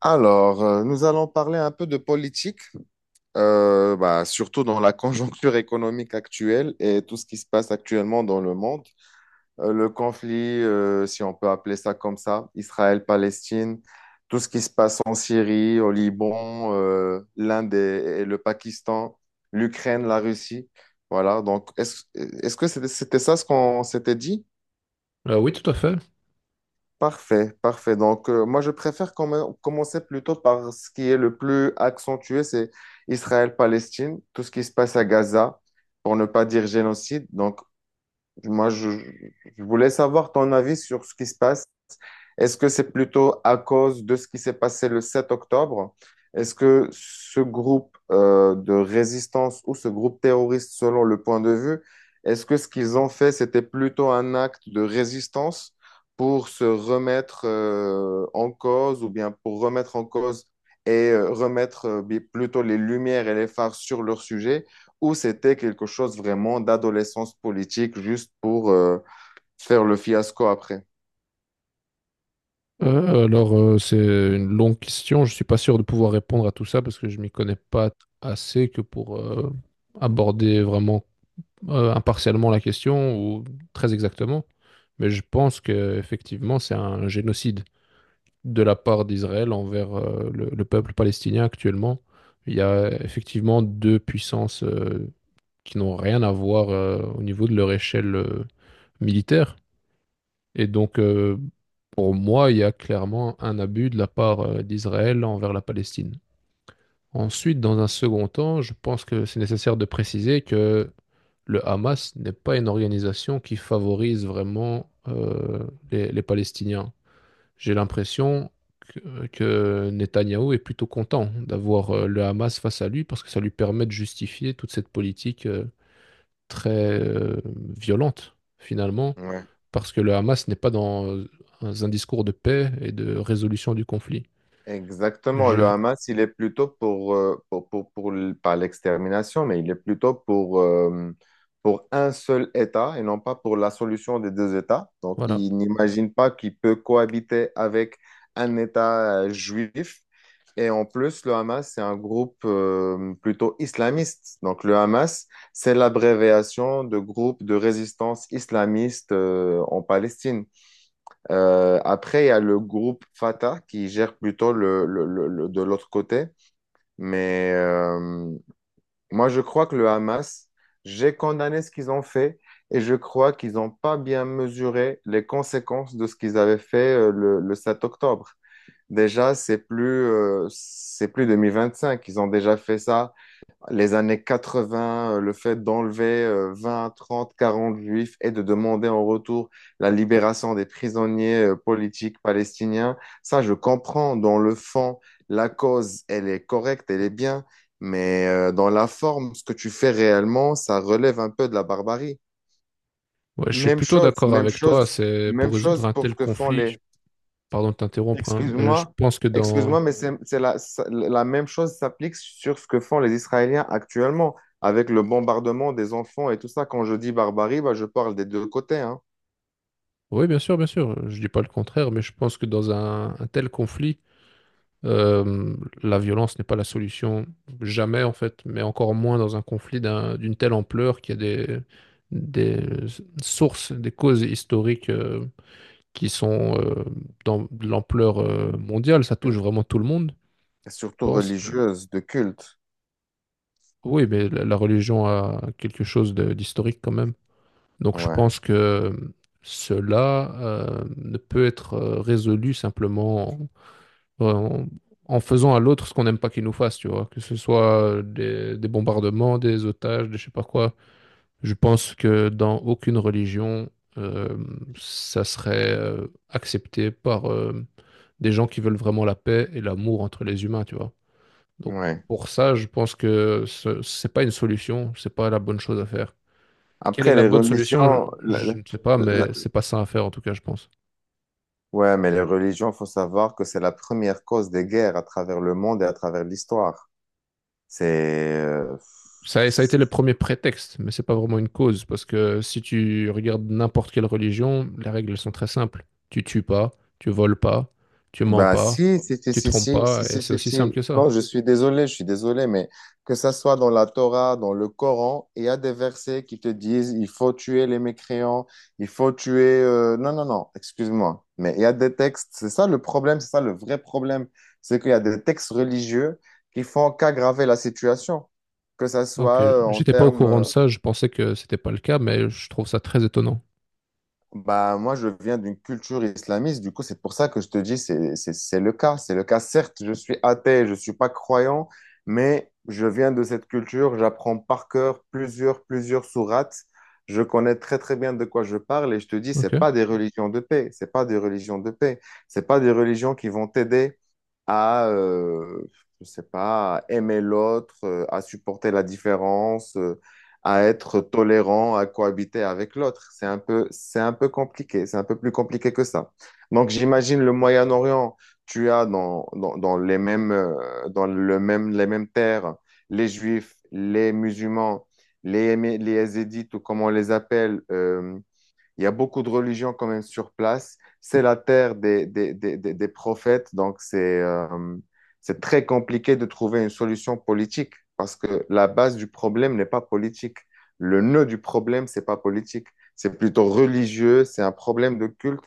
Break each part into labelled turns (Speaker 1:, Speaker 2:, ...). Speaker 1: Alors, nous allons parler un peu de politique, bah, surtout dans la conjoncture économique actuelle et tout ce qui se passe actuellement dans le monde. Le conflit, si on peut appeler ça comme ça, Israël-Palestine, tout ce qui se passe en Syrie, au Liban, l'Inde et le Pakistan, l'Ukraine, la Russie. Voilà, donc est-ce que c'était ça ce qu'on s'était dit?
Speaker 2: Oui, tout à fait.
Speaker 1: Parfait, parfait. Donc, moi, je préfère commencer plutôt par ce qui est le plus accentué, c'est Israël-Palestine, tout ce qui se passe à Gaza, pour ne pas dire génocide. Donc, moi, je voulais savoir ton avis sur ce qui se passe. Est-ce que c'est plutôt à cause de ce qui s'est passé le 7 octobre? Est-ce que ce groupe de résistance ou ce groupe terroriste, selon le point de vue, est-ce que ce qu'ils ont fait, c'était plutôt un acte de résistance pour se remettre en cause ou bien pour remettre en cause et remettre plutôt les lumières et les phares sur leur sujet, ou c'était quelque chose vraiment d'adolescence politique juste pour faire le fiasco après?
Speaker 2: C'est une longue question. Je suis pas sûr de pouvoir répondre à tout ça parce que je m'y connais pas assez que pour aborder vraiment impartialement la question ou très exactement. Mais je pense que effectivement, c'est un génocide de la part d'Israël envers le peuple palestinien actuellement. Il y a effectivement deux puissances qui n'ont rien à voir au niveau de leur échelle militaire. Et donc, pour moi, il y a clairement un abus de la part d'Israël envers la Palestine. Ensuite, dans un second temps, je pense que c'est nécessaire de préciser que le Hamas n'est pas une organisation qui favorise vraiment les Palestiniens. J'ai l'impression que Netanyahou est plutôt content d'avoir le Hamas face à lui parce que ça lui permet de justifier toute cette politique très violente, finalement
Speaker 1: Ouais.
Speaker 2: parce que le Hamas n'est pas dans un discours de paix et de résolution du conflit.
Speaker 1: Exactement. Le
Speaker 2: Je,
Speaker 1: Hamas, il est plutôt pour, pas l'extermination, mais il est plutôt pour, pour un seul État et non pas pour la solution des deux États. Donc,
Speaker 2: voilà.
Speaker 1: il n'imagine pas qu'il peut cohabiter avec un État juif. Et en plus, le Hamas, c'est un groupe plutôt islamiste. Donc, le Hamas, c'est l'abréviation de groupe de résistance islamiste en Palestine. Après, il y a le groupe Fata qui gère plutôt de l'autre côté. Mais moi, je crois que le Hamas, j'ai condamné ce qu'ils ont fait et je crois qu'ils n'ont pas bien mesuré les conséquences de ce qu'ils avaient fait le 7 octobre. Déjà, c'est plus 2025. Ils ont déjà fait ça les années 80, le fait d'enlever 20, 30, 40 juifs et de demander en retour la libération des prisonniers politiques palestiniens, ça je comprends. Dans le fond, la cause, elle est correcte, elle est bien, mais dans la forme, ce que tu fais réellement, ça relève un peu de la barbarie.
Speaker 2: Ouais, je suis
Speaker 1: Même
Speaker 2: plutôt
Speaker 1: chose,
Speaker 2: d'accord
Speaker 1: même
Speaker 2: avec toi.
Speaker 1: chose,
Speaker 2: C'est pour
Speaker 1: même
Speaker 2: résoudre
Speaker 1: chose
Speaker 2: un
Speaker 1: pour ce
Speaker 2: tel
Speaker 1: que font
Speaker 2: conflit.
Speaker 1: les...
Speaker 2: Pardon de t'interrompre, hein, mais je
Speaker 1: Excuse-moi,
Speaker 2: pense que dans.
Speaker 1: excuse-moi, mais la même chose s'applique sur ce que font les Israéliens actuellement avec le bombardement des enfants et tout ça. Quand je dis barbarie, bah, je parle des deux côtés, hein.
Speaker 2: Oui, bien sûr, bien sûr. Je dis pas le contraire, mais je pense que dans un tel conflit, euh, la violence n'est pas la solution. Jamais, en fait, mais encore moins dans un conflit d'une telle ampleur qui a des sources, des causes historiques, qui sont dans de l'ampleur mondiale, ça touche vraiment tout le monde. Je
Speaker 1: Surtout
Speaker 2: pense que
Speaker 1: religieuse, de culte.
Speaker 2: oui, mais la religion a quelque chose d'historique quand même. Donc je
Speaker 1: Ouais,
Speaker 2: pense que cela ne peut être résolu simplement en, en- en faisant à l'autre ce qu'on n'aime pas qu'il nous fasse, tu vois, que ce soit des bombardements, des otages, des je sais pas quoi. Je pense que dans aucune religion, euh, ça serait accepté par des gens qui veulent vraiment la paix et l'amour entre les humains, tu vois. Donc
Speaker 1: ouais.
Speaker 2: pour ça, je pense que ce n'est pas une solution, c'est pas la bonne chose à faire. Quelle est
Speaker 1: Après,
Speaker 2: la
Speaker 1: les
Speaker 2: bonne solution?
Speaker 1: religions,
Speaker 2: Je ne sais pas,
Speaker 1: la-
Speaker 2: mais c'est pas ça à faire en tout cas, je pense.
Speaker 1: ouais, mais les religions, faut savoir que c'est la première cause des guerres à travers le monde et à travers l'histoire. C'est, euh,
Speaker 2: Ça, ça a été le premier prétexte, mais c'est pas vraiment une cause, parce que si tu regardes n'importe quelle religion, les règles elles sont très simples. Tu tues pas, tu voles pas, tu mens
Speaker 1: Bah,
Speaker 2: pas,
Speaker 1: si, si, si,
Speaker 2: tu
Speaker 1: si,
Speaker 2: trompes
Speaker 1: si,
Speaker 2: pas,
Speaker 1: si,
Speaker 2: et
Speaker 1: si,
Speaker 2: c'est
Speaker 1: si,
Speaker 2: aussi simple
Speaker 1: si.
Speaker 2: que ça.
Speaker 1: Non, je suis désolé, mais que ça soit dans la Torah, dans le Coran, il y a des versets qui te disent il faut tuer les mécréants, il faut tuer. Non, non, non, excuse-moi. Mais il y a des textes, c'est ça le problème, c'est ça le vrai problème. C'est qu'il y a des textes religieux qui font qu'aggraver la situation, que ça soit
Speaker 2: Ok,
Speaker 1: en
Speaker 2: j'étais pas au
Speaker 1: termes.
Speaker 2: courant de ça, je pensais que c'était pas le cas, mais je trouve ça très étonnant.
Speaker 1: Bah, moi, je viens d'une culture islamiste, du coup, c'est pour ça que je te dis, c'est le cas. C'est le cas. Certes, je suis athée, je ne suis pas croyant, mais je viens de cette culture, j'apprends par cœur plusieurs sourates. Je connais très, très bien de quoi je parle et je te dis,
Speaker 2: Ok.
Speaker 1: c'est pas des religions de paix, c'est pas des religions de paix, c'est pas des religions qui vont t'aider à, je sais pas, à aimer l'autre, à supporter la différence, à être tolérant, à cohabiter avec l'autre. C'est un peu compliqué, c'est un peu plus compliqué que ça. Donc j'imagine le Moyen-Orient, tu as les mêmes terres, les Juifs, les musulmans, les Yézidis, ou comme on les appelle, il y a beaucoup de religions quand même sur place. C'est la terre des prophètes, donc c'est très compliqué de trouver une solution politique parce que la base du problème n'est pas politique. Le nœud du problème, c'est pas politique. C'est plutôt religieux, c'est un problème de culte.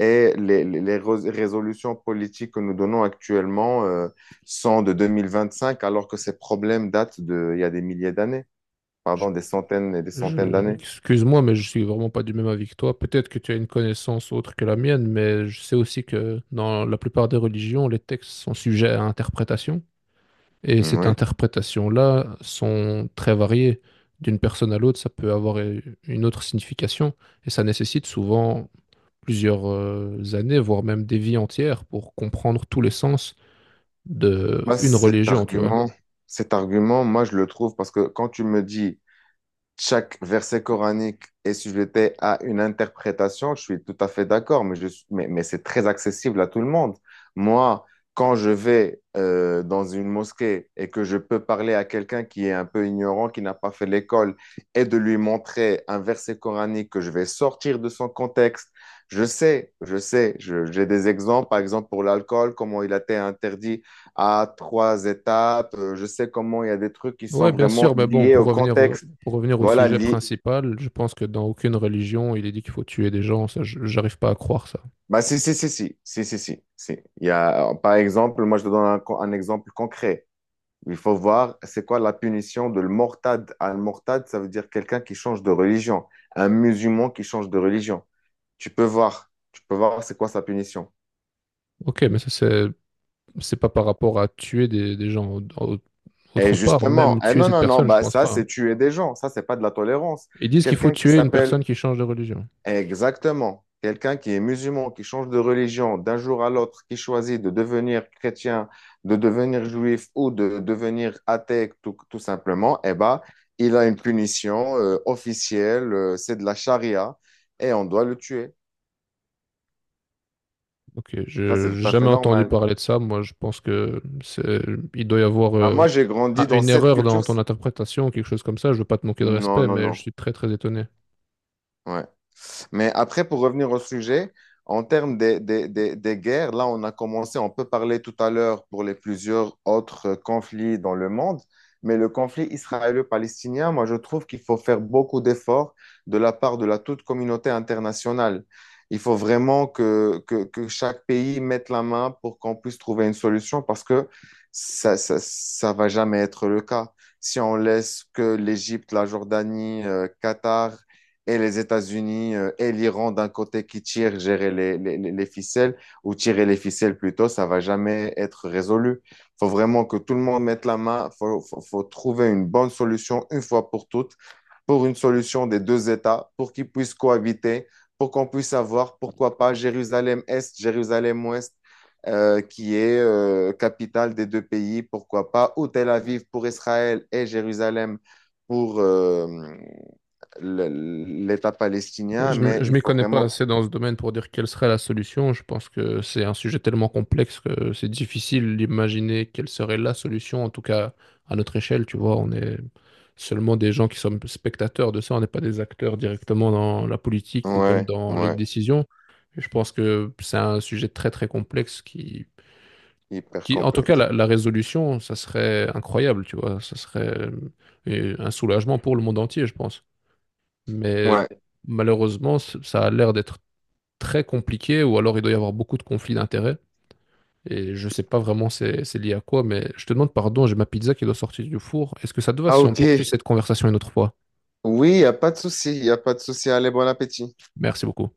Speaker 1: Et les résolutions politiques que nous donnons actuellement sont de 2025, alors que ces problèmes datent de, il y a des milliers d'années, pardon, des centaines et des centaines
Speaker 2: Je-
Speaker 1: d'années.
Speaker 2: Excuse-moi, mais je suis vraiment pas du même avis que toi. Peut-être que tu as une connaissance autre que la mienne, mais je sais aussi que dans la plupart des religions, les textes sont sujets à interprétation. Et cette
Speaker 1: Oui.
Speaker 2: interprétation-là sont très variées. D'une personne à l'autre, ça peut avoir une autre signification. Et ça nécessite souvent plusieurs années, voire même des vies entières pour comprendre tous les sens de
Speaker 1: Moi,
Speaker 2: une
Speaker 1: cet
Speaker 2: religion, tu vois.
Speaker 1: argument, cet argument, moi, je le trouve parce que quand tu me dis chaque verset coranique est sujeté à une interprétation, je suis tout à fait d'accord, mais c'est très accessible à tout le monde. Moi, quand je vais dans une mosquée et que je peux parler à quelqu'un qui est un peu ignorant, qui n'a pas fait l'école, et de lui montrer un verset coranique que je vais sortir de son contexte, j'ai des exemples, par exemple pour l'alcool, comment il a été interdit à trois étapes, je sais comment il y a des trucs qui sont
Speaker 2: Ouais, bien
Speaker 1: vraiment
Speaker 2: sûr, mais bon,
Speaker 1: liés au contexte.
Speaker 2: pour revenir au
Speaker 1: Voilà,
Speaker 2: sujet
Speaker 1: lié.
Speaker 2: principal, je pense que dans aucune religion, il est dit qu'il faut tuer des gens, ça, j'arrive pas à croire ça.
Speaker 1: Bah, si, si, si, si, si, si, si, si. Il y a, par exemple, moi, je te donne un exemple concret. Il faut voir, c'est quoi la punition de le mortad? Al mortad, ça veut dire quelqu'un qui change de religion, un musulman qui change de religion. Tu peux voir, c'est quoi sa punition.
Speaker 2: Ok, mais ça, c'est pas par rapport à tuer des gens
Speaker 1: Et
Speaker 2: autre part,
Speaker 1: justement,
Speaker 2: même
Speaker 1: eh
Speaker 2: tuer
Speaker 1: non,
Speaker 2: cette
Speaker 1: non, non,
Speaker 2: personne, je
Speaker 1: bah,
Speaker 2: pense
Speaker 1: ça,
Speaker 2: pas,
Speaker 1: c'est
Speaker 2: hein.
Speaker 1: tuer des gens. Ça, c'est pas de la tolérance.
Speaker 2: Ils disent qu'il faut
Speaker 1: Quelqu'un qui
Speaker 2: tuer une
Speaker 1: s'appelle,
Speaker 2: personne qui change de religion.
Speaker 1: exactement. Quelqu'un qui est musulman, qui change de religion d'un jour à l'autre, qui choisit de devenir chrétien, de devenir juif ou de devenir athée tout, tout simplement, eh ben, il a une punition officielle, c'est de la charia et on doit le tuer.
Speaker 2: Ok,
Speaker 1: Ça, c'est
Speaker 2: j'ai
Speaker 1: tout à fait
Speaker 2: jamais entendu
Speaker 1: normal.
Speaker 2: parler de ça, moi je pense que il doit y avoir
Speaker 1: Bah, moi, j'ai grandi dans
Speaker 2: une
Speaker 1: cette
Speaker 2: erreur dans
Speaker 1: culture.
Speaker 2: ton interprétation, quelque chose comme ça, je veux pas te manquer de
Speaker 1: Non,
Speaker 2: respect,
Speaker 1: non,
Speaker 2: mais
Speaker 1: non.
Speaker 2: je suis très très étonné.
Speaker 1: Ouais. Mais après, pour revenir au sujet, en termes des guerres, là, on a commencé, on peut parler tout à l'heure pour les plusieurs autres conflits dans le monde, mais le conflit israélo-palestinien, moi, je trouve qu'il faut faire beaucoup d'efforts de la part de la toute communauté internationale. Il faut vraiment que chaque pays mette la main pour qu'on puisse trouver une solution parce que ça va jamais être le cas. Si on laisse que l'Égypte, la Jordanie, Qatar, et les États-Unis et l'Iran d'un côté qui tirent, gérer les ficelles, ou tirer les ficelles plutôt, ça va jamais être résolu. Il faut vraiment que tout le monde mette la main, il faut trouver une bonne solution une fois pour toutes, pour une solution des deux États, pour qu'ils puissent cohabiter, pour qu'on puisse avoir, pourquoi pas, Jérusalem-Est, Jérusalem-Ouest. Qui est capitale des deux pays, pourquoi pas, ou Tel Aviv pour Israël et Jérusalem pour, l'État
Speaker 2: Oui,
Speaker 1: palestinien,
Speaker 2: je
Speaker 1: mais
Speaker 2: ne
Speaker 1: il
Speaker 2: m'y
Speaker 1: faut
Speaker 2: connais pas
Speaker 1: vraiment... Oui.
Speaker 2: assez dans ce domaine pour dire quelle serait la solution. Je pense que c'est un sujet tellement complexe que c'est difficile d'imaginer quelle serait la solution, en tout cas à notre échelle, tu vois. On est seulement des gens qui sommes spectateurs de ça, on n'est pas des acteurs directement dans la politique ou même
Speaker 1: Ouais,
Speaker 2: dans les
Speaker 1: ouais,
Speaker 2: décisions. Et je pense que c'est un sujet très très complexe
Speaker 1: hyper
Speaker 2: qui en tout cas,
Speaker 1: complexe.
Speaker 2: la résolution, ça serait incroyable, tu vois. Ça serait un soulagement pour le monde entier, je pense. Mais
Speaker 1: Ouais.
Speaker 2: malheureusement, ça a l'air d'être très compliqué ou alors il doit y avoir beaucoup de conflits d'intérêts. Et je sais pas vraiment c'est lié à quoi, mais je te demande pardon, j'ai ma pizza qui doit sortir du four. Est-ce que ça te va
Speaker 1: Ah,
Speaker 2: si on poursuit
Speaker 1: ok.
Speaker 2: cette conversation une autre fois?
Speaker 1: Oui, il n'y a pas de souci, il n'y a pas de souci. Allez, bon appétit.
Speaker 2: Merci beaucoup.